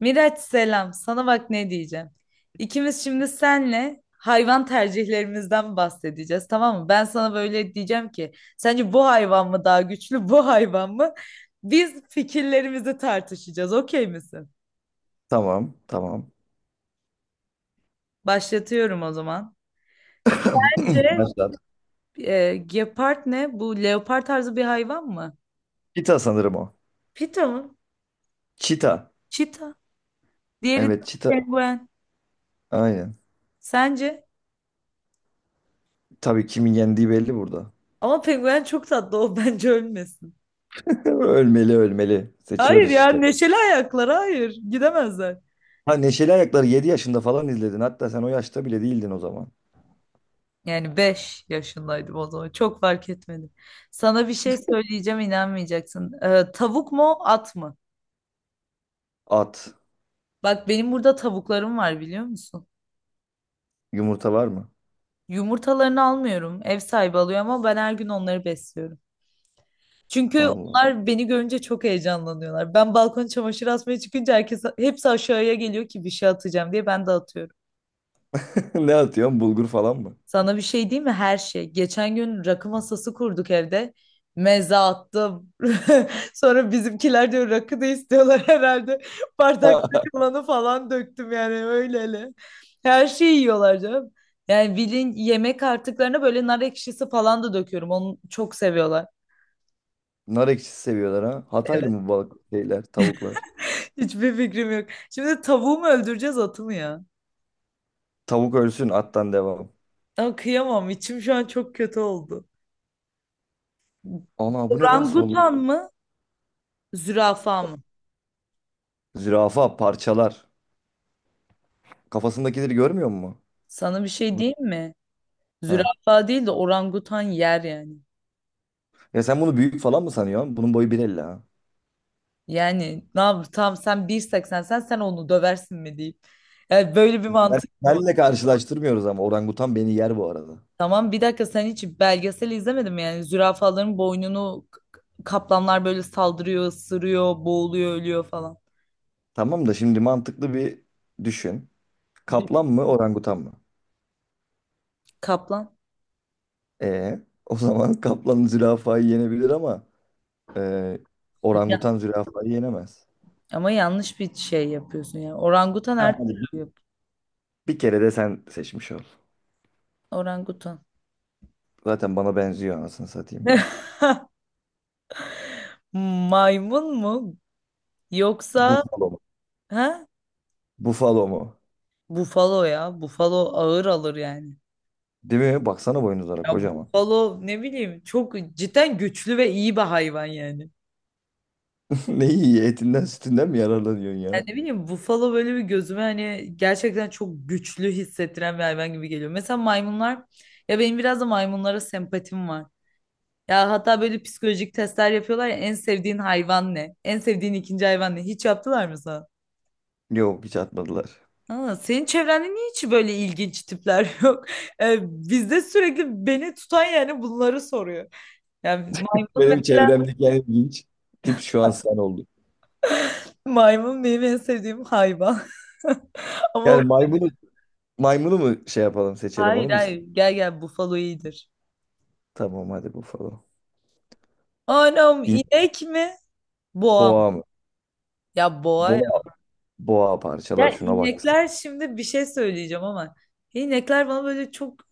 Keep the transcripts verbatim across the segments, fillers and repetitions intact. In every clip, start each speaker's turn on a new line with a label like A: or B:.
A: Miraç selam. Sana bak ne diyeceğim. İkimiz şimdi senle hayvan tercihlerimizden bahsedeceğiz, tamam mı? Ben sana böyle diyeceğim ki, sence bu hayvan mı daha güçlü, bu hayvan mı? Biz fikirlerimizi tartışacağız. Okey misin?
B: Tamam, tamam.
A: Başlatıyorum o zaman. Bence
B: Başlat.
A: e, gepard ne? Bu leopar tarzı bir hayvan mı?
B: Çita sanırım o.
A: Pita mı?
B: Çita.
A: Çita. Diğeri
B: Evet,
A: de
B: çita.
A: penguen.
B: Aynen.
A: Sence?
B: Tabii kimin yendiği belli burada.
A: Ama penguen çok tatlı o bence ölmesin.
B: Ölmeli ölmeli.
A: Hayır
B: Seçiyoruz
A: ya,
B: işte.
A: neşeli ayaklar hayır gidemezler.
B: Ha Neşeli Ayaklar'ı yedi yaşında falan izledin. Hatta sen o yaşta bile değildin o zaman.
A: Yani beş yaşındaydım o zaman. Çok fark etmedi. Sana bir şey söyleyeceğim, inanmayacaksın. Ee, tavuk mu at mı?
B: At.
A: Bak benim burada tavuklarım var, biliyor musun?
B: Yumurta var mı?
A: Yumurtalarını almıyorum. Ev sahibi alıyor ama ben her gün onları besliyorum. Çünkü
B: Allah.
A: onlar beni görünce çok heyecanlanıyorlar. Ben balkona çamaşır asmaya çıkınca herkes hepsi aşağıya geliyor ki bir şey atacağım diye, ben de atıyorum.
B: Ne atıyorsun? Bulgur falan mı?
A: Sana bir şey diyeyim mi? Her şey. Geçen gün rakı masası kurduk evde. Meze attım. Sonra bizimkiler diyor rakı da istiyorlar herhalde. Bardak kalanı falan döktüm yani, öyle hele. Her şeyi yiyorlar canım. Yani bilin, yemek artıklarına böyle nar ekşisi falan da döküyorum. Onu çok seviyorlar.
B: Nar ekşisi seviyorlar ha. Hataylı
A: Evet.
B: mı bu balık şeyler, tavuklar?
A: Hiçbir fikrim yok. Şimdi tavuğu mu öldüreceğiz, atı mı ya?
B: Tavuk ölsün, attan devam.
A: Ama kıyamam. İçim şu an çok kötü oldu.
B: Ana bu ne lan soluk?
A: Orangutan mı? Zürafa mı?
B: Zürafa parçalar. Kafasındakileri görmüyor musun?
A: Sana bir şey diyeyim mi?
B: He.
A: Zürafa değil de orangutan yer yani.
B: Ya sen bunu büyük falan mı sanıyorsun? Bunun boyu bir elli ha.
A: Yani ne yap tamam, sen bir seksen, sen sen onu döversin mi deyip. Yani böyle bir
B: Ben,
A: mantık mı var?
B: benle karşılaştırmıyoruz ama orangutan beni yer bu arada.
A: Tamam bir dakika, sen hiç belgesel izlemedin mi? Yani zürafaların boynunu k- k- kaplanlar böyle saldırıyor, ısırıyor, boğuluyor, ölüyor falan.
B: Tamam da şimdi mantıklı bir düşün.
A: Bir
B: Kaplan mı orangutan mı?
A: Kaplan.
B: E o zaman kaplan zürafayı yenebilir ama e,
A: Ya,
B: orangutan zürafayı yenemez.
A: ama yanlış bir şey yapıyorsun yani. Orangutan
B: Ha,
A: her
B: hadi bir,
A: türlü yap.
B: bir kere de sen seçmiş ol.
A: Orangutan.
B: Zaten bana benziyor anasını satayım.
A: Maymun mu? Yoksa
B: Bufalo mu?
A: ha?
B: Bufalo mu?
A: Bufalo ya. Bufalo ağır alır yani.
B: Değil mi? Baksana boynuzlara
A: Ya
B: kocaman.
A: bufalo, ne bileyim, çok cidden güçlü ve iyi bir hayvan yani.
B: Ne iyi etinden sütünden mi yararlanıyorsun
A: Yani
B: ya?
A: ne bileyim, buffalo böyle bir gözüme, hani gerçekten çok güçlü hissettiren bir hayvan gibi geliyor. Mesela maymunlar, ya benim biraz da maymunlara sempatim var. Ya hatta böyle psikolojik testler yapıyorlar ya, en sevdiğin hayvan ne? En sevdiğin ikinci hayvan ne? Hiç yaptılar mı sana?
B: Yok hiç atmadılar.
A: Aa, senin çevrende niye hiç böyle ilginç tipler yok? Ee, bizde sürekli beni tutan yani bunları soruyor. Yani maymun ve
B: Benim çevremdeki en ilginç tip şu an sen oldun.
A: maymun benim en sevdiğim hayvan. Ama
B: Yani maymunu maymunu mu şey yapalım seçelim
A: Hayır
B: onu mu
A: hayır,
B: istiyorsun?
A: gel gel, bufalo iyidir.
B: Tamam hadi bufalo.
A: Anam
B: İn,
A: inek mi? Boğa mı?
B: boğa mı?
A: Ya boğa ya.
B: Boğa, boğa
A: Ya
B: parçalar şuna baksana.
A: inekler, şimdi bir şey söyleyeceğim ama inekler bana böyle çok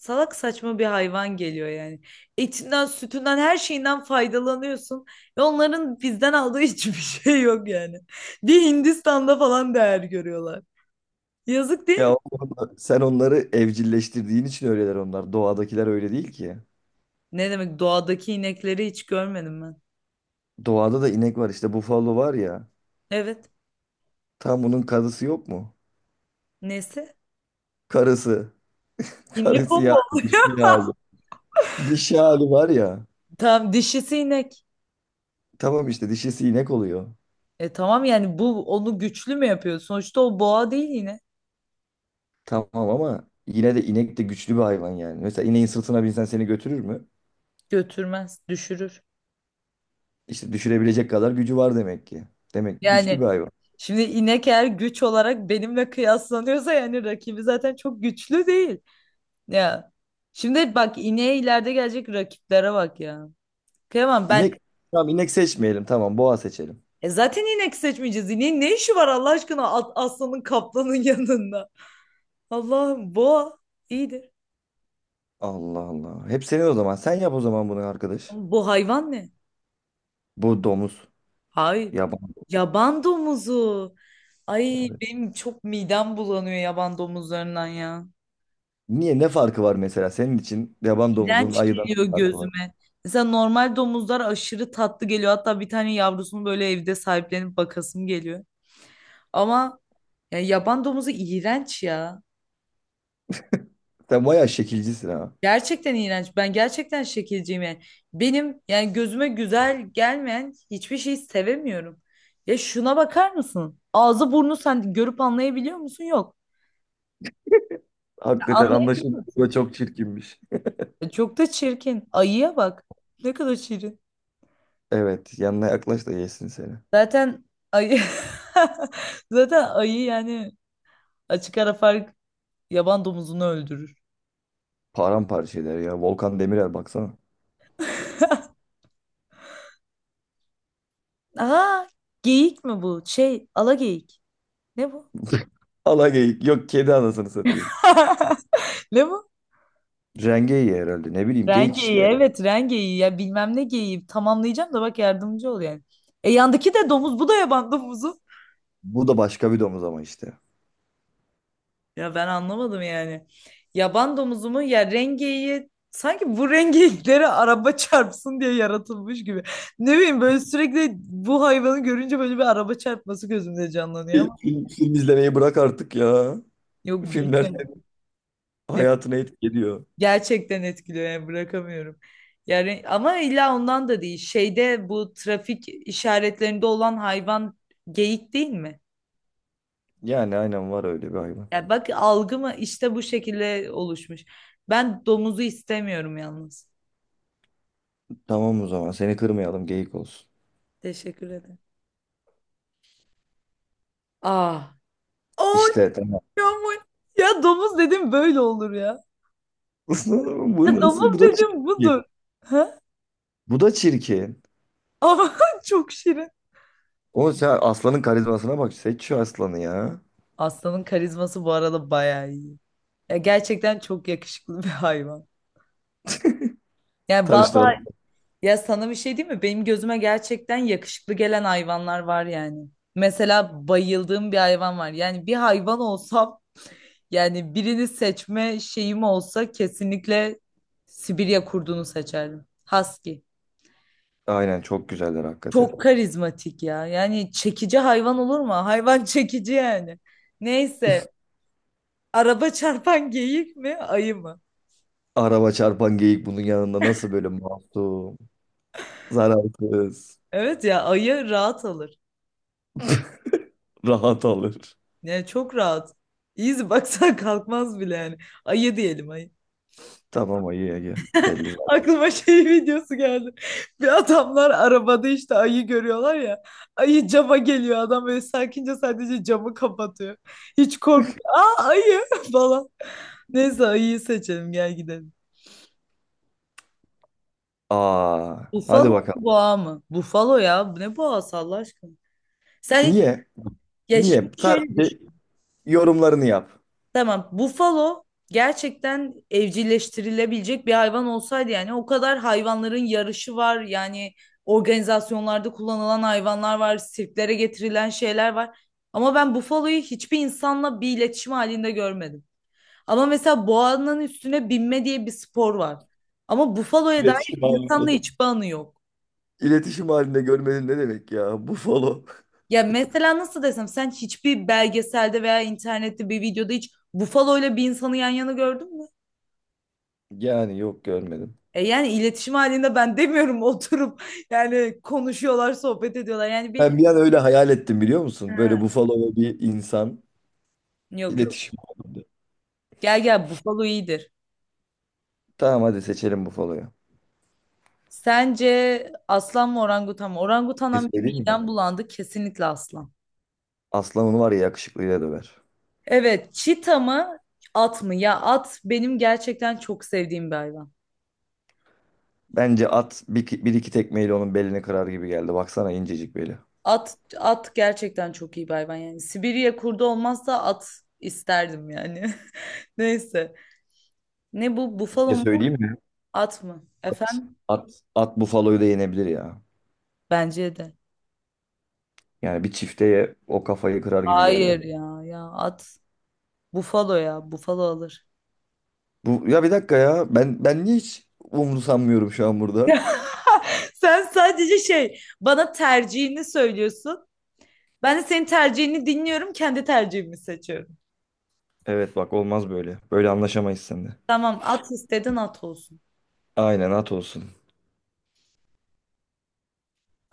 A: salak saçma bir hayvan geliyor yani. Etinden, sütünden, her şeyinden faydalanıyorsun. Ve onların bizden aldığı hiçbir şey yok yani. Bir Hindistan'da falan değer görüyorlar. Yazık değil mi?
B: Ya oğlum, sen onları evcilleştirdiğin için öyleler onlar. Doğadakiler öyle değil ki.
A: Ne demek, doğadaki inekleri hiç görmedim ben.
B: Doğada da inek var işte bufalo var ya.
A: Evet.
B: Tam bunun karısı yok mu?
A: Nesi?
B: Karısı.
A: İnek
B: Karısı
A: o mu?
B: yani
A: Oluyor?
B: dişi hali. Dişi hali var ya.
A: Tamam, dişisi inek.
B: Tamam işte dişisi inek oluyor.
A: E tamam, yani bu onu güçlü mü yapıyor? Sonuçta o boğa değil yine.
B: Tamam ama yine de inek de güçlü bir hayvan yani. Mesela ineğin sırtına binsen seni götürür mü?
A: Götürmez, düşürür.
B: İşte düşürebilecek kadar gücü var demek ki. Demek ki güçlü bir
A: Yani
B: hayvan.
A: şimdi inek eğer güç olarak benimle kıyaslanıyorsa, yani rakibi zaten çok güçlü değil. Ya şimdi bak, ineğe ileride gelecek rakiplere bak ya. Kıyamam ben,
B: İnek, tamam inek seçmeyelim tamam boğa seçelim.
A: e zaten inek seçmeyeceğiz. İneğin ne işi var Allah aşkına at- aslanın kaplanın yanında. Allah'ım, boğa iyidir.
B: Allah Allah. Hep senin o zaman. Sen yap o zaman bunu arkadaş.
A: Ama bu hayvan ne?
B: Bu domuz.
A: Hayır.
B: Yaban.
A: Yaban domuzu. Ay,
B: Evet.
A: benim çok midem bulanıyor yaban domuzlarından ya.
B: Niye? Ne farkı var mesela? Senin için yaban domuzunun
A: İğrenç
B: ayıdan
A: geliyor
B: ne farkı var.
A: gözüme. Mesela normal domuzlar aşırı tatlı geliyor. Hatta bir tane yavrusunu böyle evde sahiplenip bakasım geliyor. Ama ya, yaban domuzu iğrenç ya.
B: Sen bayağı şekilcisin ha.
A: Gerçekten iğrenç. Ben gerçekten şekilciyim yani. Benim yani gözüme güzel gelmeyen hiçbir şeyi sevemiyorum. Ya şuna bakar mısın? Ağzı burnu sen görüp anlayabiliyor musun? Yok. Ya,
B: Hakikaten
A: anlayabiliyor
B: anlaşıldı.
A: musun?
B: Bu çok çirkinmiş.
A: E, çok da çirkin. Ayıya bak. Ne kadar şirin.
B: Evet. Yanına yaklaş da yesin seni.
A: Zaten ayı zaten ayı yani, açık ara fark, yaban domuzunu öldürür.
B: Paramparça eder ya. Volkan Demirel baksana.
A: Aa, geyik mi bu? Şey, ala geyik. Ne bu?
B: Ala geyik. Yok kedi anasını satayım.
A: Ne bu?
B: Rengeyi herhalde ne bileyim geyik
A: Rengeyi,
B: işte ya.
A: evet rengeyi ya, bilmem ne geyiği, tamamlayacağım da bak, yardımcı ol yani. E yandaki de domuz, bu da yaban domuzu.
B: Bu da başka bir domuz ama işte.
A: Ya ben anlamadım yani. Yaban domuzu mu? Ya rengeyi, sanki bu rengeyiklere araba çarpsın diye yaratılmış gibi. Ne bileyim, böyle sürekli bu hayvanı görünce böyle bir araba çarpması gözümde canlanıyor
B: Film,
A: ama
B: film film izlemeyi bırak artık ya.
A: yok,
B: Filmler
A: bilmiyorum.
B: senin
A: Yok,
B: hayatına etki ediyor.
A: gerçekten etkiliyor yani, bırakamıyorum. Yani ama illa ondan da değil. Şeyde, bu trafik işaretlerinde olan hayvan geyik değil mi?
B: Yani aynen var öyle bir hayvan.
A: Ya bak, algıma işte bu şekilde oluşmuş. Ben domuzu istemiyorum yalnız.
B: Tamam o zaman seni kırmayalım geyik olsun.
A: Teşekkür ederim. Aa. Oy
B: İşte tamam.
A: aman. Ya domuz dedim, böyle olur ya.
B: Bu
A: Ya
B: nasıl? Bu
A: domuz
B: da
A: dedim
B: çirkin.
A: budur. Ha?
B: Bu da çirkin.
A: Ama çok şirin.
B: O sen aslanın karizmasına bak. Seç şu aslanı ya.
A: Aslanın karizması bu arada bayağı iyi. Ya gerçekten çok yakışıklı bir hayvan. Yani bazı,
B: Tanıştıralım.
A: ya sana bir şey diyeyim mi? Benim gözüme gerçekten yakışıklı gelen hayvanlar var yani. Mesela bayıldığım bir hayvan var. Yani bir hayvan olsam, yani birini seçme şeyim olsa kesinlikle Sibirya kurdunu seçerdim. Husky.
B: Aynen çok güzeller hakikaten.
A: Çok karizmatik ya. Yani çekici hayvan olur mu? Hayvan çekici yani. Neyse. Araba çarpan geyik mi? Ayı mı?
B: Araba çarpan geyik bunun yanında nasıl böyle masum, zararsız.
A: Evet ya, ayı rahat alır.
B: Rahat alır.
A: Yani çok rahat. İyiyiz, baksan kalkmaz bile yani. Ayı diyelim, ayı.
B: Tamam ayı Ege. Belli zaten.
A: Aklıma şey videosu geldi. Bir adamlar arabada işte ayı görüyorlar ya. Ayı cama geliyor, adam böyle sakince sadece camı kapatıyor. Hiç korkmuyor. Aa ayı falan. Neyse, ayıyı seçelim, gel gidelim.
B: Aa,
A: Bufalo
B: hadi
A: mu,
B: bakalım.
A: boğa mı? Bufalo ya. Bu ne boğası Allah aşkına? Sen hiç
B: Niye?
A: ya şimdi
B: Niye?
A: şöyle
B: Sadece
A: düşün.
B: yorumlarını yap.
A: Tamam. Bufalo gerçekten evcilleştirilebilecek bir hayvan olsaydı, yani o kadar hayvanların yarışı var. Yani organizasyonlarda kullanılan hayvanlar var, sirklere getirilen şeyler var. Ama ben bufaloyu hiçbir insanla bir iletişim halinde görmedim. Ama mesela boğanın üstüne binme diye bir spor var. Ama bufaloya dair
B: İletişim
A: insanla
B: halinde.
A: hiçbir anı yok.
B: İletişim halinde görmedin ne demek ya? Buffalo.
A: Ya mesela nasıl desem, sen hiçbir belgeselde veya internette bir videoda hiç bufalo bir insanı yan yana gördün mü?
B: Yani yok görmedim.
A: E yani iletişim halinde ben demiyorum oturup yani konuşuyorlar, sohbet ediyorlar. Yani bir
B: Ben bir an öyle hayal ettim biliyor musun? Böyle
A: Ha.
B: Buffalo ve bir insan
A: Yok, yok.
B: iletişim halinde.
A: Gel gel, bufalo iyidir.
B: Tamam hadi seçelim Buffalo'yu.
A: Sence aslan mı, orangutan mı?
B: Bir şey
A: Orangutandan bir
B: söyleyeyim mi?
A: midem bulandı. Kesinlikle aslan.
B: Aslanın var ya yakışıklıyla döver.
A: Evet, çita mı at mı? Ya at benim gerçekten çok sevdiğim bir hayvan.
B: Bence at bir, bir iki tekmeyle onun belini kırar gibi geldi. Baksana incecik beli.
A: At, at gerçekten çok iyi bir hayvan yani. Sibirya kurdu olmazsa at isterdim yani. Neyse. Ne bu,
B: Bir
A: bufalo
B: şey
A: mu
B: söyleyeyim mi?
A: at mı?
B: At,
A: Efendim?
B: at, at Buffalo'yu da yenebilir ya.
A: Bence de.
B: Yani bir çifteye o kafayı kırar gibi geldi.
A: Hayır ya ya at. Bufalo ya, bufalo alır.
B: Bu ya bir dakika ya. Ben ben niye hiç umursamıyorum şu an burada?
A: Sen sadece şey, bana tercihini söylüyorsun. Ben de senin tercihini dinliyorum, kendi tercihimi seçiyorum.
B: Evet bak olmaz böyle. Böyle anlaşamayız seninle.
A: Tamam, at istedin at olsun.
B: Aynen at olsun.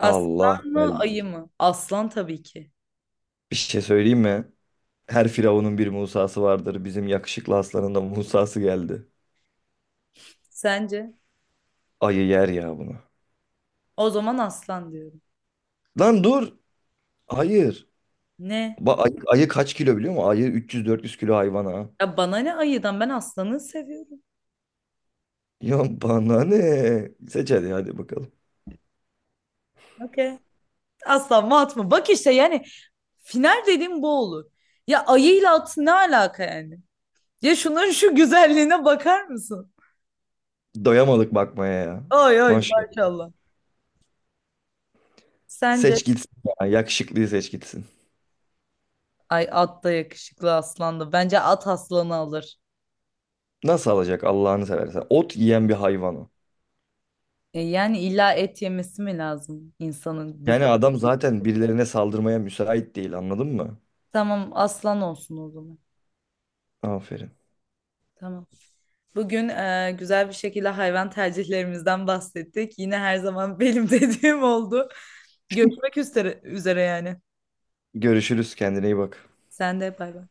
B: Allah
A: mı, ayı
B: geldik.
A: mı? Aslan tabii ki.
B: Bir şey söyleyeyim mi? Her firavunun bir Musa'sı vardır. Bizim yakışıklı aslanın da Musa'sı geldi.
A: Sence?
B: Ayı yer ya bunu.
A: O zaman aslan diyorum.
B: Lan dur. Hayır.
A: Ne?
B: Ba ayı, ayı kaç kilo biliyor musun? Ayı üç yüz dört yüz kilo hayvan ha.
A: Ya bana ne ayıdan, ben aslanı seviyorum.
B: Ya bana ne? Seç hadi hadi bakalım.
A: Okey. Aslan mı at mı? Bak işte yani, final dediğim bu olur. Ya ayıyla at ne alaka yani? Ya şunların şu güzelliğine bakar mısın?
B: Doyamadık bakmaya ya.
A: Ay ay
B: Maşallah.
A: maşallah. Sence?
B: Seç gitsin ya. Yakışıklıyı seç gitsin.
A: Ay at da yakışıklı, aslan da. Bence at aslanı alır.
B: Nasıl alacak Allah'ını seversen? Ot yiyen bir hayvan o.
A: E yani illa et yemesi mi lazım insanın güç?
B: Yani adam zaten birilerine saldırmaya müsait değil anladın mı?
A: Tamam aslan olsun o zaman.
B: Aferin.
A: Tamam. Bugün e, güzel bir şekilde hayvan tercihlerimizden bahsettik. Yine her zaman benim dediğim oldu. Görüşmek üzere, üzere yani.
B: Görüşürüz kendine iyi bak.
A: Sen de bay bay.